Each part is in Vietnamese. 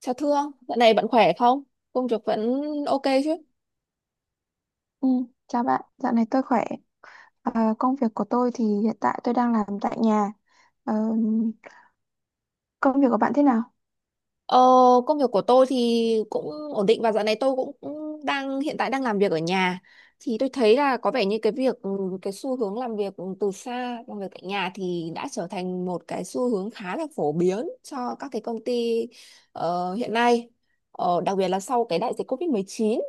Chào Thương, dạo này bạn khỏe không? Công việc vẫn ok chứ? Ừ, chào bạn, dạo này tôi khỏe. Công việc của tôi thì hiện tại tôi đang làm tại nhà. Ờ, Công việc của bạn thế nào? Ờ, Công việc của tôi thì cũng ổn định và dạo này tôi cũng cũng hiện tại đang làm việc ở nhà. Thì tôi thấy là có vẻ như cái xu hướng làm việc từ xa, làm việc tại nhà thì đã trở thành một cái xu hướng khá là phổ biến cho các cái công ty hiện nay. Đặc biệt là sau cái đại dịch COVID-19.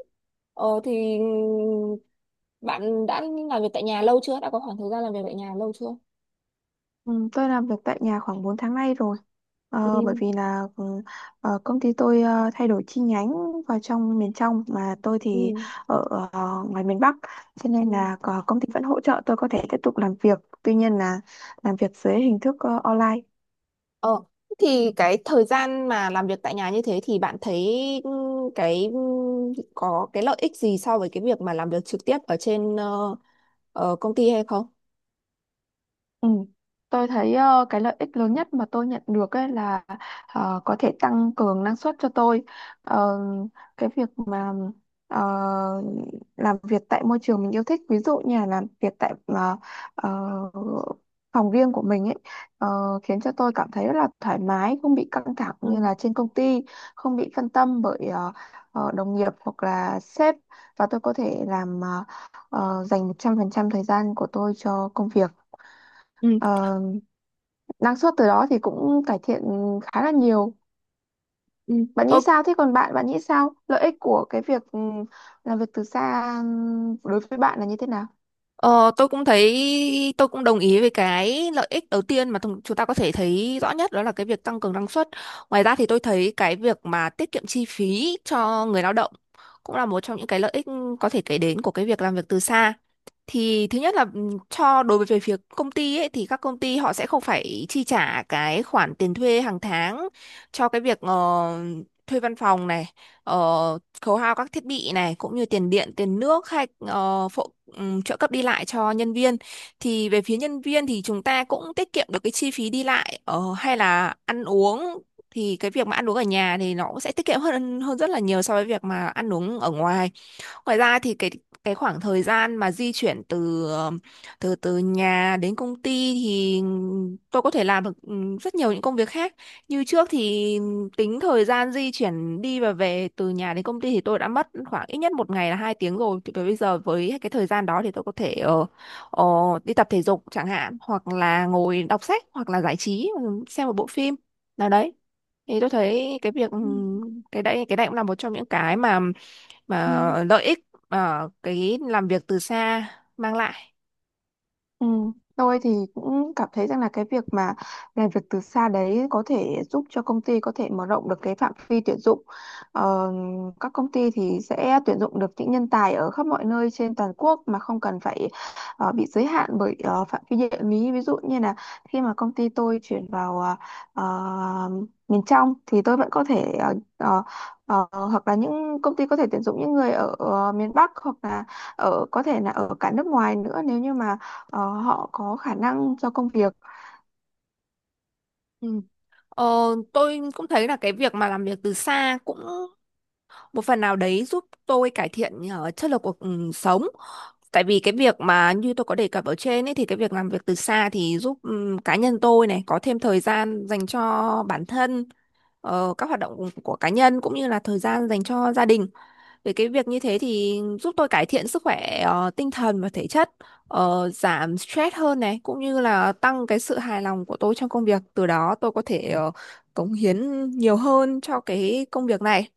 Thì bạn đã làm việc tại nhà lâu chưa? Đã có khoảng thời gian làm việc tại nhà lâu chưa? Ừ, tôi làm việc tại nhà khoảng 4 tháng nay rồi. Ừ. Ờ, bởi vì là công ty tôi thay đổi chi nhánh vào trong miền trong mà tôi thì Ừ. ở ngoài miền Bắc. Cho nên Ừ. là ờ, công ty vẫn hỗ trợ tôi có thể tiếp tục làm việc. Tuy nhiên là làm việc dưới hình thức online. Ờ, thì cái thời gian mà làm việc tại nhà như thế thì bạn thấy ừ, cái ừ, có cái lợi ích gì so với cái việc mà làm việc trực tiếp ở trên công ty hay không? Ừ. Tôi thấy cái lợi ích lớn nhất mà tôi nhận được ấy là có thể tăng cường năng suất cho tôi. Ờ, cái việc mà ờ, làm việc tại môi trường mình yêu thích, ví dụ như là làm việc tại ờ, phòng riêng của mình ấy khiến cho tôi cảm thấy rất là thoải mái, không bị căng thẳng như Ừ. là trên công ty, không bị phân tâm bởi đồng nghiệp hoặc là sếp và tôi có thể làm dành 100% thời gian của tôi cho công việc. Ừ, Ờ, năng suất từ đó thì cũng cải thiện khá là nhiều. ừ. Bạn Tôi nghĩ sao thế còn bạn bạn nghĩ sao lợi ích của cái việc làm việc từ xa đối với bạn là như thế nào? ờ, tôi cũng thấy tôi cũng đồng ý với cái lợi ích đầu tiên mà chúng ta có thể thấy rõ nhất, đó là cái việc tăng cường năng suất. Ngoài ra thì tôi thấy cái việc mà tiết kiệm chi phí cho người lao động cũng là một trong những cái lợi ích có thể kể đến của cái việc làm việc từ xa. Thì thứ nhất là cho đối với về phía công ty ấy, thì các công ty họ sẽ không phải chi trả cái khoản tiền thuê hàng tháng cho cái việc thuê văn phòng này, khấu hao các thiết bị này, cũng như tiền điện tiền nước hay ờ, phụ trợ cấp đi lại cho nhân viên. Thì về phía nhân viên thì chúng ta cũng tiết kiệm được cái chi phí đi lại hay là ăn uống. Thì cái việc mà ăn uống ở nhà thì nó cũng sẽ tiết kiệm hơn hơn rất là nhiều so với việc mà ăn uống ở ngoài. Ngoài ra thì cái khoảng thời gian mà di chuyển từ ờ, từ từ nhà đến công ty thì tôi có thể làm được rất nhiều những công việc khác. Như trước thì tính thời gian di chuyển đi và về từ nhà đến công ty thì tôi đã mất khoảng ít nhất một ngày là 2 tiếng rồi. Thì bây giờ với cái thời gian đó thì tôi có thể ờ, đi tập thể dục chẳng hạn, hoặc là ngồi đọc sách, hoặc là giải trí, xem một bộ phim nào đấy. Thì tôi thấy Ừ. cái đấy cũng là một trong những cái mà Ừ. và lợi ích ở cái làm việc từ xa mang lại. Ừ. Tôi thì cũng cảm thấy rằng là cái việc mà làm việc từ xa đấy có thể giúp cho công ty có thể mở rộng được cái phạm vi tuyển dụng. Ờ, các công ty thì sẽ tuyển dụng được những nhân tài ở khắp mọi nơi trên toàn quốc mà không cần phải bị giới hạn bởi phạm vi địa lý. Ví dụ như là khi mà công ty tôi chuyển vào ờ, miền trong thì tôi vẫn có thể hoặc là những công ty có thể tuyển dụng những người ở miền Bắc hoặc là ở có thể là ở cả nước ngoài nữa nếu như mà họ có khả năng cho công việc. Ừ. Ờ, tôi cũng thấy là cái việc mà làm việc từ xa cũng một phần nào đấy giúp tôi cải thiện chất lượng cuộc sống. Tại vì cái việc mà như tôi có đề cập ở trên ấy, thì cái việc làm việc từ xa thì giúp cá nhân tôi này có thêm thời gian dành cho bản thân, các hoạt động của cá nhân cũng như là thời gian dành cho gia đình. Về cái việc như thế thì giúp tôi cải thiện sức khỏe tinh thần và thể chất, giảm stress hơn này, cũng như là tăng cái sự hài lòng của tôi trong công việc. Từ đó tôi có thể cống hiến nhiều hơn cho cái công việc này.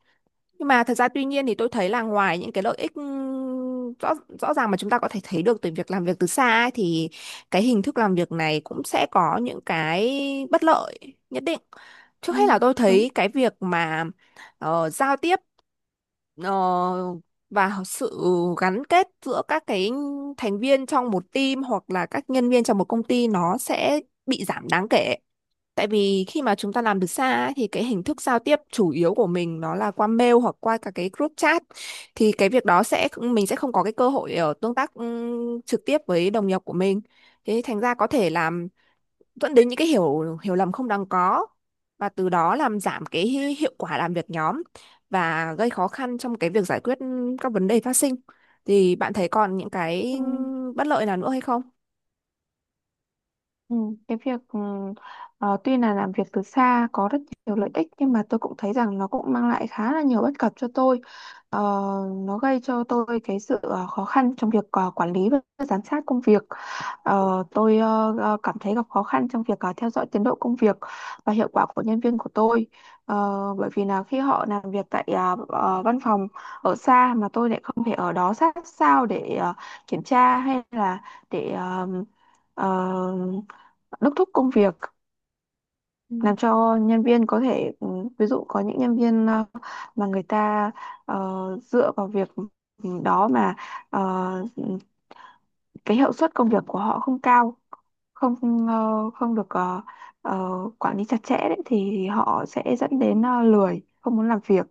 Nhưng mà thật ra tuy nhiên thì tôi thấy là ngoài những cái lợi ích rõ rõ ràng mà chúng ta có thể thấy được từ việc làm việc từ xa ấy, thì cái hình thức làm việc này cũng sẽ có những cái bất lợi nhất định. Trước ừ, hết là tôi Đúng. thấy cái việc mà giao tiếp ờ, và sự gắn kết giữa các cái thành viên trong một team hoặc là các nhân viên trong một công ty nó sẽ bị giảm đáng kể. Tại vì khi mà chúng ta làm từ xa ấy, thì cái hình thức giao tiếp chủ yếu của mình nó là qua mail hoặc qua cả cái group chat, thì cái việc đó sẽ mình sẽ không có cái cơ hội để ở tương tác trực tiếp với đồng nghiệp của mình. Thế thành ra có thể làm dẫn đến những cái hiểu hiểu lầm không đáng có, và từ đó làm giảm cái hiệu quả làm việc nhóm và gây khó khăn trong cái việc giải quyết các vấn đề phát sinh. Thì bạn thấy còn những Ừ. cái bất lợi nào nữa hay không? Ừ, cái việc tuy là làm việc từ xa có rất nhiều lợi ích nhưng mà tôi cũng thấy rằng nó cũng mang lại khá là nhiều bất cập cho tôi. Ờ, nó gây cho tôi cái sự khó khăn trong việc quản lý và giám sát công việc. Ờ, cảm thấy gặp khó khăn trong việc theo dõi tiến độ công việc và hiệu quả của nhân viên của tôi. Ờ, bởi vì là khi họ làm việc tại văn phòng ở xa mà tôi lại không thể ở đó sát sao để kiểm tra hay là để ờ, đốc thúc công việc làm cho nhân viên có thể ví dụ có những nhân viên mà người ta ờ, dựa vào việc đó mà ờ, cái hiệu suất công việc của họ không cao không không được ờ, quản lý chặt chẽ đấy, thì họ sẽ dẫn đến lười không muốn làm việc.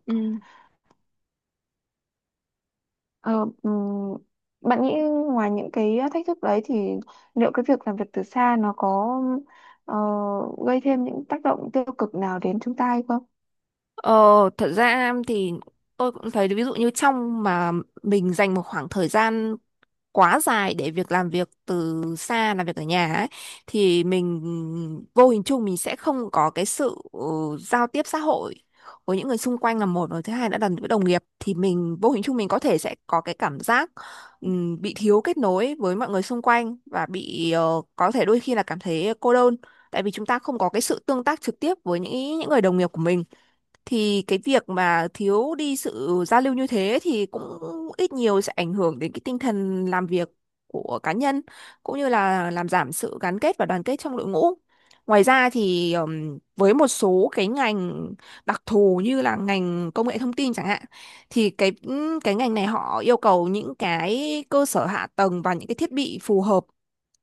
Ờ, ừm, Bạn nghĩ ngoài những cái thách thức đấy thì liệu cái việc làm việc từ xa nó có ờ, gây thêm những tác động tiêu cực nào đến chúng ta hay không? Ờ, Thật ra thì tôi cũng thấy ví dụ như trong mà mình dành một khoảng thời gian quá dài để việc làm việc từ xa, làm việc ở nhà ấy, thì mình vô hình chung mình sẽ không có cái sự giao tiếp xã hội với những người xung quanh là một, rồi thứ hai đã là với đồng nghiệp thì mình vô hình chung mình có thể sẽ có cái cảm giác bị thiếu kết nối với mọi người xung quanh và bị có thể đôi khi là cảm thấy cô đơn. Tại vì chúng ta không có cái sự tương tác trực tiếp với những người đồng nghiệp của mình, thì cái việc mà thiếu đi sự giao lưu như thế thì cũng ít nhiều sẽ ảnh hưởng đến cái tinh thần làm việc của cá nhân, cũng như là làm giảm sự gắn kết và đoàn kết trong đội ngũ. Ngoài ra thì với một số cái ngành đặc thù như là ngành công nghệ thông tin chẳng hạn, thì cái ngành này họ yêu cầu những cái cơ sở hạ tầng và những cái thiết bị phù hợp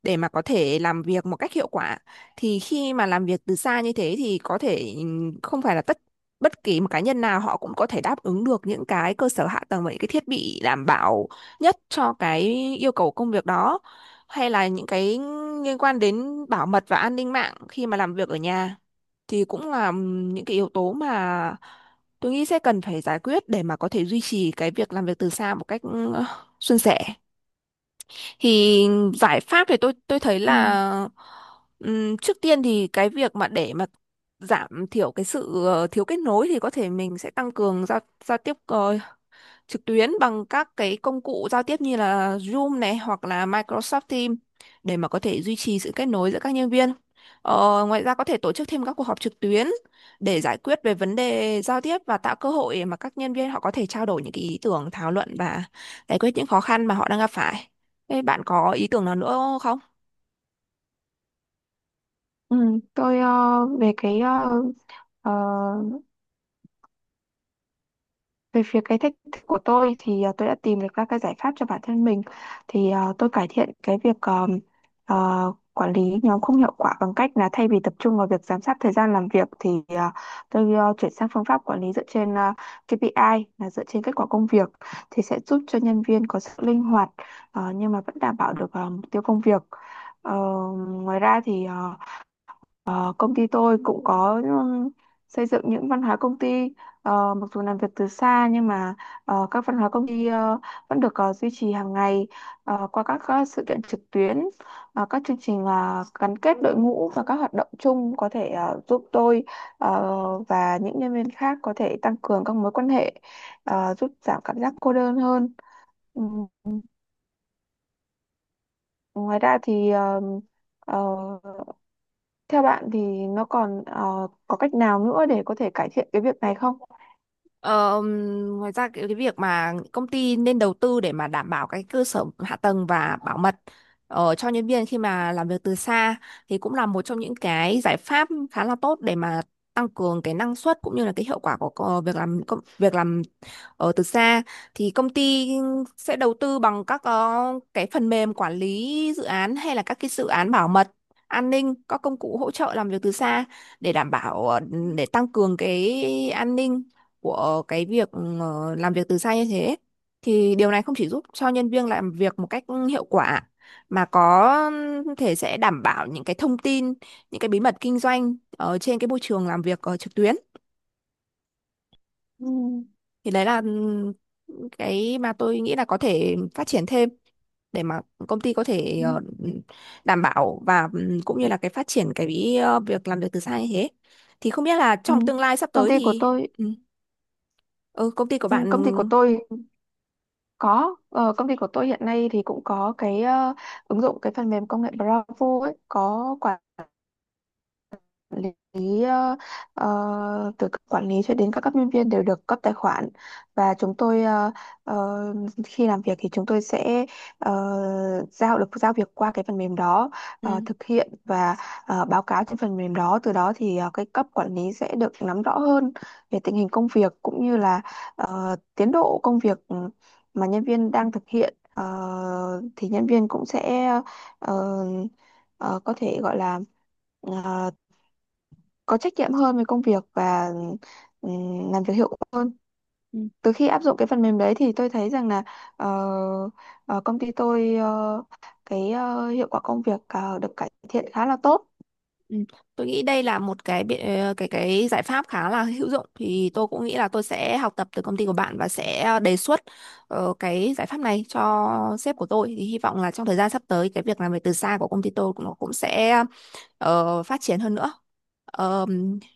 để mà có thể làm việc một cách hiệu quả. Thì khi mà làm việc từ xa như thế thì có thể không phải là bất kỳ một cá nhân nào họ cũng có thể đáp ứng được những cái cơ sở hạ tầng và những cái thiết bị đảm bảo nhất cho cái yêu cầu công việc đó, hay là những cái liên quan đến bảo mật và an ninh mạng khi mà làm việc ở nhà thì cũng là những cái yếu tố mà tôi nghĩ sẽ cần phải giải quyết để mà có thể duy trì cái việc làm việc từ xa một cách suôn sẻ. Thì giải pháp thì tôi thấy Ừ. là trước tiên thì cái việc mà để mà giảm thiểu cái sự thiếu kết nối thì có thể mình sẽ tăng cường giao giao tiếp trực tuyến bằng các cái công cụ giao tiếp như là Zoom này hoặc là Microsoft Teams để mà có thể duy trì sự kết nối giữa các nhân viên. Ngoài ra có thể tổ chức thêm các cuộc họp trực tuyến để giải quyết về vấn đề giao tiếp và tạo cơ hội để mà các nhân viên họ có thể trao đổi những cái ý tưởng, thảo luận và giải quyết những khó khăn mà họ đang gặp phải. Thế bạn có ý tưởng nào nữa không? Ừ, tôi về cái ờ, về phía cái thách thức của tôi thì tôi đã tìm được ra cái giải pháp cho bản thân mình thì tôi cải thiện cái việc ờ, quản lý nhóm không hiệu quả bằng cách là thay vì tập trung vào việc giám sát thời gian làm việc thì tôi chuyển sang phương pháp quản lý dựa trên KPI là dựa trên kết quả công việc thì sẽ giúp cho nhân viên có sự linh hoạt nhưng mà vẫn đảm bảo được mục tiêu công việc. Ờ, ngoài ra thì công ty tôi cũng có xây dựng những văn hóa công ty. Mặc dù làm việc từ xa nhưng mà các văn hóa công ty vẫn được duy trì hàng ngày qua các, sự kiện trực tuyến, các chương trình gắn kết đội ngũ và các hoạt động chung có thể giúp tôi ờ, và những nhân viên khác có thể tăng cường các mối quan hệ, giúp giảm cảm giác cô đơn hơn. Ừ, ngoài ra thì uh, theo bạn thì nó còn có cách nào nữa để có thể cải thiện cái việc này không? Ờ, Ngoài ra cái việc mà công ty nên đầu tư để mà đảm bảo cái cơ sở hạ tầng và bảo mật cho nhân viên khi mà làm việc từ xa thì cũng là một trong những cái giải pháp khá là tốt để mà tăng cường cái năng suất cũng như là cái hiệu quả của việc làm việc làm ở từ xa. Thì công ty sẽ đầu tư bằng các cái phần mềm quản lý dự án hay là các cái dự án bảo mật an ninh, các công cụ hỗ trợ làm việc từ xa để đảm bảo để tăng cường cái an ninh của cái việc làm việc từ xa như thế. Thì điều này không chỉ giúp cho nhân viên làm việc một cách hiệu quả, mà có thể sẽ đảm bảo những cái thông tin, những cái bí mật kinh doanh ở trên cái môi trường làm việc trực tuyến. Ừ, Thì đấy là cái mà tôi nghĩ là có thể phát triển thêm để mà công ty có thể ừ, đảm bảo và cũng như là cái phát triển cái việc làm việc từ xa như thế. Thì không biết là ừ. trong tương lai sắp Công tới ty của thì tôi ừ, ừ, công ty của ừ, bạn. công ty của tôi công ty của tôi hiện nay thì cũng có cái ứng dụng cái phần mềm công nghệ Bravo ấy, có quản lý ờ, từ cấp quản lý cho đến các cấp nhân viên đều được cấp tài khoản và chúng tôi ờ, khi làm việc thì chúng tôi sẽ ờ, giao việc qua cái phần mềm đó, ừ, thực hiện và báo cáo trên phần mềm đó. Từ đó thì cái cấp quản lý sẽ được nắm rõ hơn về tình hình công việc cũng như là tiến độ công việc mà nhân viên đang thực hiện. Ờ, thì nhân viên cũng sẽ ờ, ờ, có thể gọi là ờ, có trách nhiệm hơn với công việc và làm việc hiệu quả. Từ khi áp dụng cái phần mềm đấy thì tôi thấy rằng là ờ, công ty tôi hiệu quả công việc được cải thiện khá là tốt. ừ, tôi nghĩ đây là một cái cái giải pháp khá là hữu dụng, thì tôi cũng nghĩ là tôi sẽ học tập từ công ty của bạn và sẽ đề xuất cái giải pháp này cho sếp của tôi, thì hy vọng là trong thời gian sắp tới cái việc làm việc từ xa của công ty tôi cũng nó cũng sẽ phát triển hơn nữa. Ờm,